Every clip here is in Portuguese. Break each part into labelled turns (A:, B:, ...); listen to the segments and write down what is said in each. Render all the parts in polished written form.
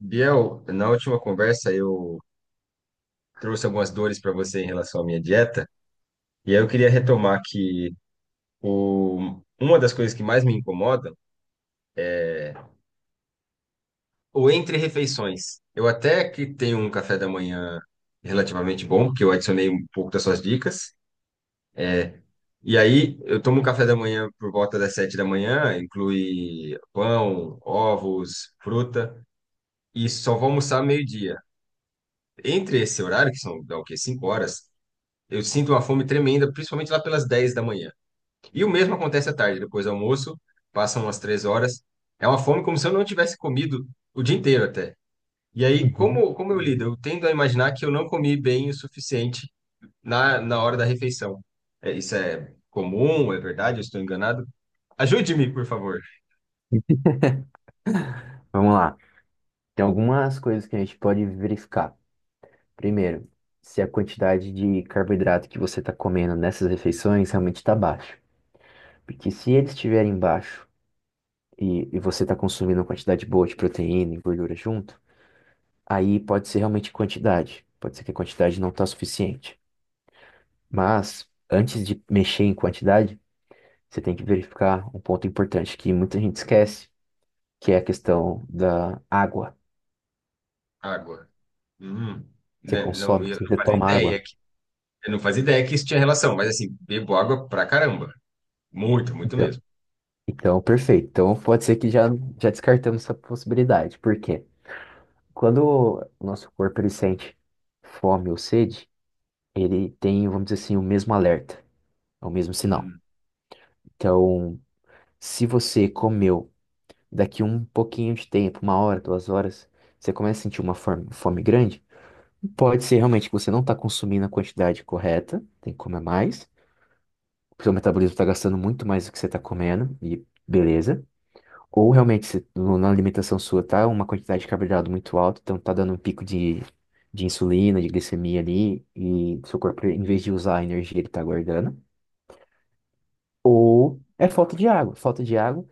A: Biel, na última conversa eu trouxe algumas dores para você em relação à minha dieta, e aí eu queria retomar que uma das coisas que mais me incomoda, o entre refeições. Eu até que tenho um café da manhã relativamente bom, porque eu adicionei um pouco das suas dicas, e aí eu tomo um café da manhã por volta das 7 da manhã, inclui pão, ovos, fruta, e só vou almoçar meio-dia. Entre esse horário, que são, dá o quê? 5 horas, eu sinto uma fome tremenda, principalmente lá pelas 10 da manhã. E o mesmo acontece à tarde, depois do almoço, passam umas 3 horas. É uma fome como se eu não tivesse comido o dia inteiro até. E aí,
B: Uhum.
A: como eu lido? Eu tendo a imaginar que eu não comi bem o suficiente na hora da refeição. É, isso é comum? É verdade? Eu estou enganado? Ajude-me, por favor.
B: Vamos lá. Tem algumas coisas que a gente pode verificar. Primeiro, se a quantidade de carboidrato que você está comendo nessas refeições realmente está baixa. Porque se eles estiverem baixo e você está consumindo uma quantidade boa de proteína e gordura junto, aí pode ser realmente quantidade. Pode ser que a quantidade não está suficiente. Mas, antes de mexer em quantidade, você tem que verificar um ponto importante que muita gente esquece, que é a questão da água.
A: Água. Hum.
B: Você
A: Né? Não,
B: consome, que você toma água.
A: eu não fazia ideia que isso tinha relação, mas assim, bebo água pra caramba. Muito, muito
B: então,
A: mesmo.
B: Então, perfeito. Então, pode ser que já descartamos essa possibilidade. Por quê? Quando o nosso corpo ele sente fome ou sede, ele tem, vamos dizer assim, o mesmo alerta, é o mesmo sinal.
A: Hum.
B: Então, se você comeu daqui um pouquinho de tempo, uma hora, duas horas, você começa a sentir uma fome, fome grande, pode ser realmente que você não está consumindo a quantidade correta, tem que comer mais, o seu metabolismo está gastando muito mais do que você está comendo, e beleza. Ou realmente se na alimentação sua tá uma quantidade de carboidrato muito alta, então tá dando um pico de insulina, de glicemia ali, e seu corpo, em vez de usar a energia, ele tá guardando. Ou é falta de água. Falta de água.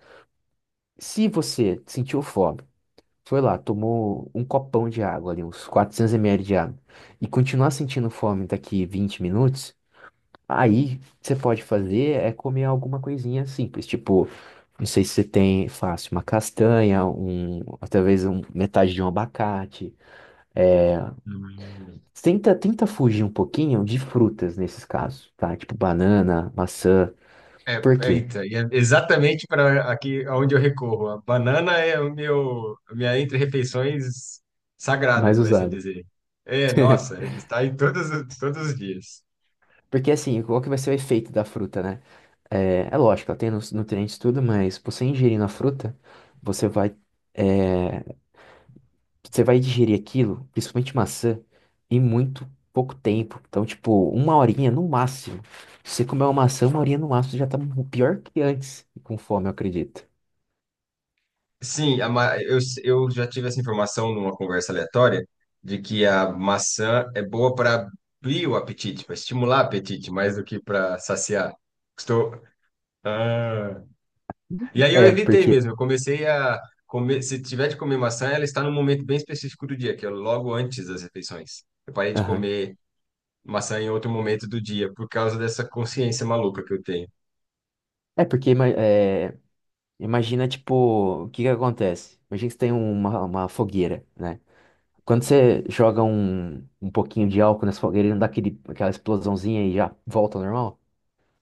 B: Se você sentiu fome, foi lá, tomou um copão de água ali, uns 400 ml de água, e continuar sentindo fome daqui 20 minutos, aí, o que você pode fazer é comer alguma coisinha simples, tipo, não sei se você tem fácil, uma castanha, um, ou talvez um, metade de um abacate.
A: Hum.
B: Tenta, tenta fugir um pouquinho de frutas nesses casos, tá? Tipo banana, maçã.
A: É,
B: Por quê?
A: eita, e é exatamente para aqui aonde eu recorro. A banana é o meu, a minha entre-refeições sagrada,
B: Mais
A: por assim
B: usado.
A: dizer. É, nossa, ele está em todos os dias.
B: Porque assim, qual que vai ser o efeito da fruta, né? É, é lógico, ela tem nutrientes e tudo, mas você ingerindo a fruta, você vai, é, você vai digerir aquilo, principalmente maçã, em muito pouco tempo. Então, tipo, uma horinha no máximo. Se você comer uma maçã, uma horinha no máximo, você já tá pior que antes, com fome, eu acredito.
A: Sim, eu já tive essa informação numa conversa aleatória de que a maçã é boa para abrir o apetite, para estimular o apetite, mais do que para saciar. Estou. Ah. E aí eu
B: É,
A: evitei
B: porque.
A: mesmo. Eu comecei a comer. Se tiver de comer maçã, ela está num momento bem específico do dia, que é logo antes das refeições. Eu parei de
B: Aham.
A: comer maçã em outro momento do dia, por causa dessa consciência maluca que eu tenho.
B: É, porque ima- é, imagina, tipo, o que que acontece? Imagina que você tem uma fogueira, né? Quando você joga um pouquinho de álcool nessa fogueira, ele não dá aquele, aquela explosãozinha e já volta ao normal?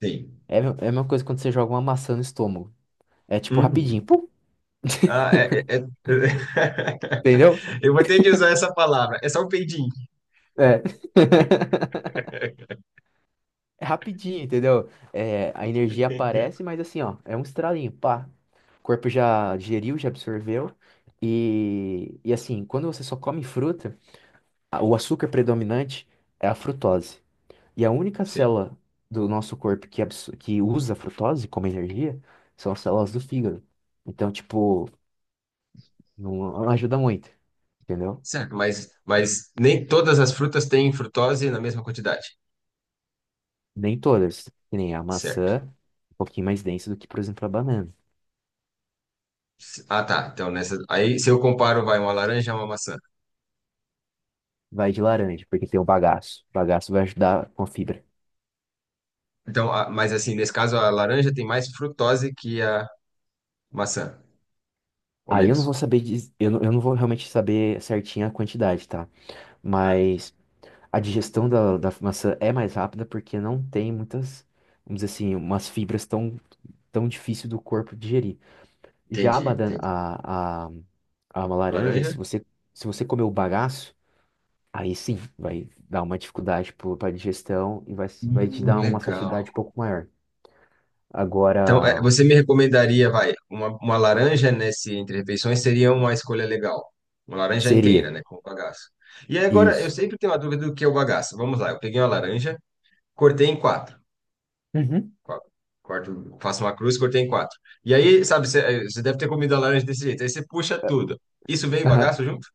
A: Sim.
B: É, é a mesma coisa quando você joga uma maçã no estômago. É tipo
A: Hum.
B: rapidinho, pum,
A: Ah,
B: entendeu?
A: Eu vou ter de usar essa palavra. É só um peidinho.
B: É. É rapidinho, entendeu? É, a energia aparece, mas assim, ó, é um estralinho, pá. O corpo já digeriu, já absorveu. E assim, quando você só come fruta, o açúcar predominante é a frutose. E a única
A: Sim.
B: célula do nosso corpo que, que usa a frutose como energia são as células do fígado. Então, tipo, não ajuda muito, entendeu?
A: Certo, mas nem todas as frutas têm frutose na mesma quantidade.
B: Nem todas, que nem a
A: Certo.
B: maçã, um pouquinho mais densa do que, por exemplo, a banana.
A: Ah, tá. Então, aí, se eu comparo, vai uma laranja a uma maçã.
B: Vai de laranja, porque tem o bagaço. O bagaço vai ajudar com a fibra.
A: Então, mas assim, nesse caso, a laranja tem mais frutose que a maçã, ou
B: Aí eu não vou
A: menos.
B: saber, eu não vou realmente saber certinho a quantidade, tá?
A: Ah,
B: Mas a digestão da maçã é mais rápida porque não tem muitas, vamos dizer assim, umas fibras tão, tão difícil do corpo digerir. Já a,
A: entendi,
B: badan-
A: entendi.
B: a uma laranja,
A: Laranja?
B: se você, se você comer o bagaço, aí sim, vai dar uma dificuldade para a digestão e vai, vai te dar uma
A: Legal.
B: saciedade um pouco maior. Agora,
A: Então, é, você me recomendaria, vai, uma laranja nesse entre refeições seria uma escolha legal. Uma laranja inteira,
B: seria
A: né, com o bagaço. E aí, agora, eu
B: isso.
A: sempre tenho uma dúvida do que é o bagaço. Vamos lá, eu peguei uma laranja, cortei em quatro. Qua- Corto, faço uma cruz, cortei em quatro. E aí, sabe, você deve ter comido a laranja desse jeito. Aí você puxa tudo. Isso veio
B: Aham.
A: bagaço junto?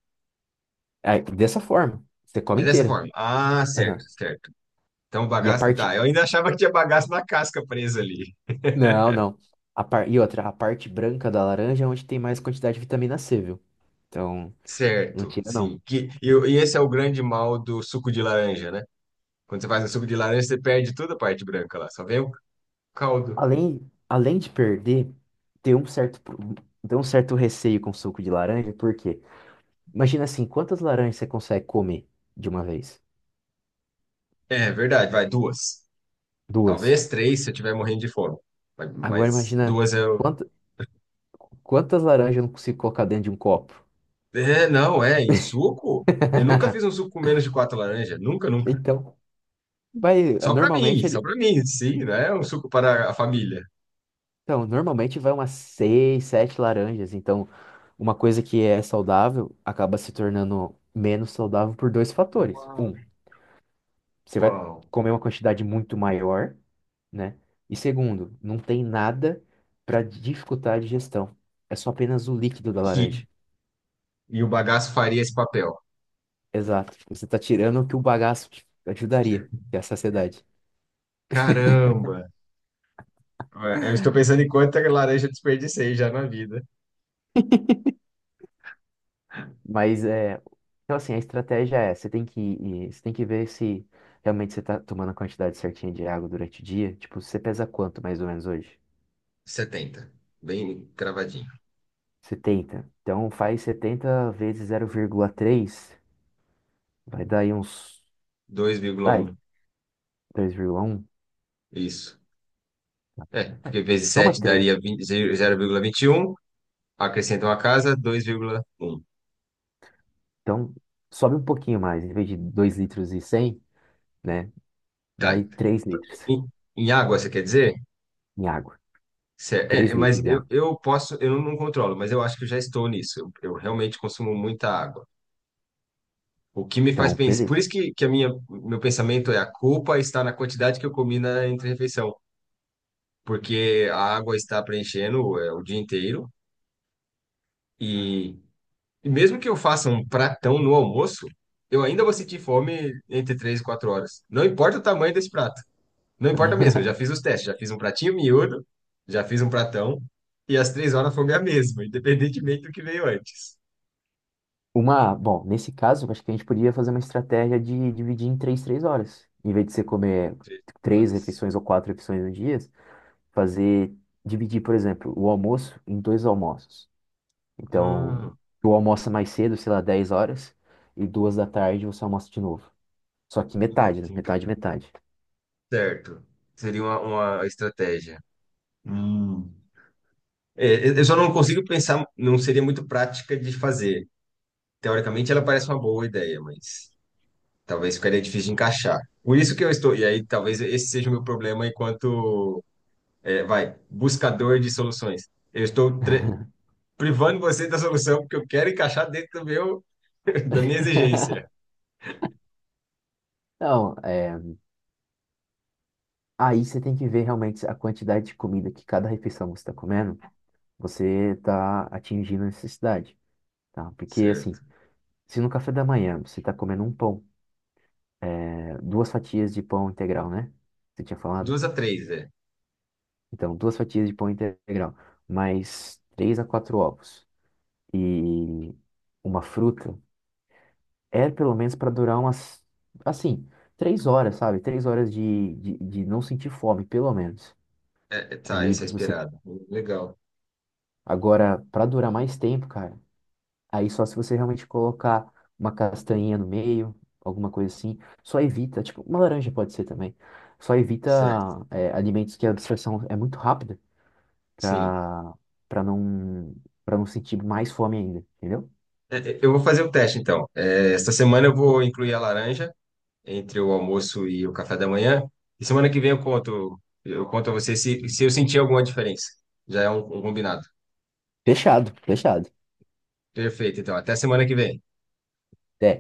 B: Aí, dessa forma, você come
A: É dessa
B: inteira.
A: forma. Ah, certo,
B: Aham.
A: certo. Então,
B: E a
A: bagaço. Tá,
B: parte.
A: eu ainda achava que tinha bagaço na casca presa ali.
B: Não, não. A par... E outra, a parte branca da laranja é onde tem mais quantidade de vitamina C, viu? Então, não
A: Certo,
B: tira, não.
A: sim. E esse é o grande mal do suco de laranja, né? Quando você faz um suco de laranja, você perde toda a parte branca lá, só vem o caldo.
B: Além de perder, tem um certo, tem um certo receio com suco de laranja, porque imagina assim, quantas laranjas você consegue comer de uma vez?
A: É verdade, vai duas.
B: Duas.
A: Talvez três se eu estiver morrendo de fome. Mas,
B: Agora
A: mas
B: imagina
A: duas eu.
B: quant- quantas laranjas eu não consigo colocar dentro de um copo.
A: É, não, é. E suco? Eu nunca fiz um suco com menos de quatro laranjas. Nunca, nunca.
B: Então, vai, normalmente
A: Só pra mim, sim, né? Um suco para a família.
B: então, normalmente vai umas 6, 7 laranjas. Então, uma coisa que é saudável acaba se tornando menos saudável por dois fatores.
A: Uau.
B: Um, você vai
A: Uau.
B: comer uma quantidade muito maior, né? E segundo, não tem nada para dificultar a digestão. É só apenas o líquido da
A: Que
B: laranja.
A: E o bagaço faria esse papel.
B: Exato. Você está tirando o que o bagaço te ajudaria, que é a saciedade.
A: Caramba! Ué, eu estou pensando em quanta laranja eu desperdicei já na vida.
B: Mas é, então assim, a estratégia é, você tem que você tem que ver se realmente você está tomando a quantidade certinha de água durante o dia. Tipo, você pesa quanto mais ou menos hoje?
A: 70, bem cravadinho.
B: 70. Então faz 70 vezes 0,3, vai dar aí uns,
A: dois vírgula
B: vai,
A: um,
B: 2,1.
A: Isso. É,
B: É,
A: porque vezes
B: toma
A: sete daria
B: três.
A: 20. 0,21. Acrescenta uma casa, 2,1.
B: Então sobe um pouquinho mais, em vez de 2 litros e 100, né?
A: Tá.
B: Vai 3 litros
A: Em, em água, você quer dizer?
B: em água. três
A: Mas
B: litros de
A: eu,
B: água.
A: eu posso, eu não controlo, mas eu acho que eu já estou nisso. Eu realmente consumo muita água. O que me faz
B: Então,
A: pensar. Por
B: beleza.
A: isso que a minha, meu pensamento é a culpa está na quantidade que eu comi na entre porque a água está preenchendo o dia inteiro e, e mesmo que eu faça um pratão no almoço, eu ainda vou sentir fome entre 3 e 4 horas. Não importa o tamanho desse prato. Não importa mesmo, eu já fiz os testes, já fiz um pratinho miúdo, já fiz um pratão e às 3 horas a fome é a mesma, independentemente do que veio antes.
B: Uma, bom, nesse caso, acho que a gente poderia fazer uma estratégia de dividir em três, três horas. Em vez de você comer
A: 3
B: três
A: horas.
B: refeições ou quatro refeições no dia, fazer, dividir, por exemplo, o almoço em dois almoços. Então,
A: Hum,
B: tu almoça mais cedo, sei lá, 10 horas, e duas da tarde você almoça de novo. Só que metade, né?
A: entendi.
B: Metade, metade.
A: Certo. Seria uma, estratégia. Hum. É, eu só não consigo pensar, não seria muito prática de fazer. Teoricamente, ela parece uma boa ideia, mas talvez ficaria difícil de encaixar. Por isso que eu estou. E aí, talvez esse seja o meu problema enquanto, é, vai, buscador de soluções. Eu estou privando você da solução porque eu quero encaixar dentro do meu, da minha exigência.
B: Não, é, aí você tem que ver realmente a quantidade de comida que cada refeição você está comendo, você está atingindo a necessidade, tá? Porque, assim,
A: Certo.
B: se no café da manhã você está comendo um pão, né, duas fatias de pão integral, né? Você tinha falado?
A: Duas a três, é.
B: Então, duas fatias de pão integral, mais 3 a 4 ovos e uma fruta, é pelo menos para durar umas, assim, 3 horas, sabe? 3 horas de não sentir fome, pelo menos.
A: Tá,
B: Ali
A: isso é
B: você.
A: esperado. Legal.
B: Agora, para durar mais tempo, cara. Aí só se você realmente colocar uma castanhinha no meio, alguma coisa assim, só evita, tipo, uma laranja pode ser também. Só evita
A: Certo.
B: é, alimentos que a absorção é muito rápida
A: Sim.
B: para para não para não sentir mais fome ainda, entendeu?
A: É, eu vou fazer o teste, então. É, esta semana eu vou incluir a laranja. Entre o almoço e o café da manhã. E semana que vem eu conto, a você se eu sentir alguma diferença. Já é um combinado.
B: Fechado, fechado.
A: Perfeito, então. Até semana que vem.
B: É.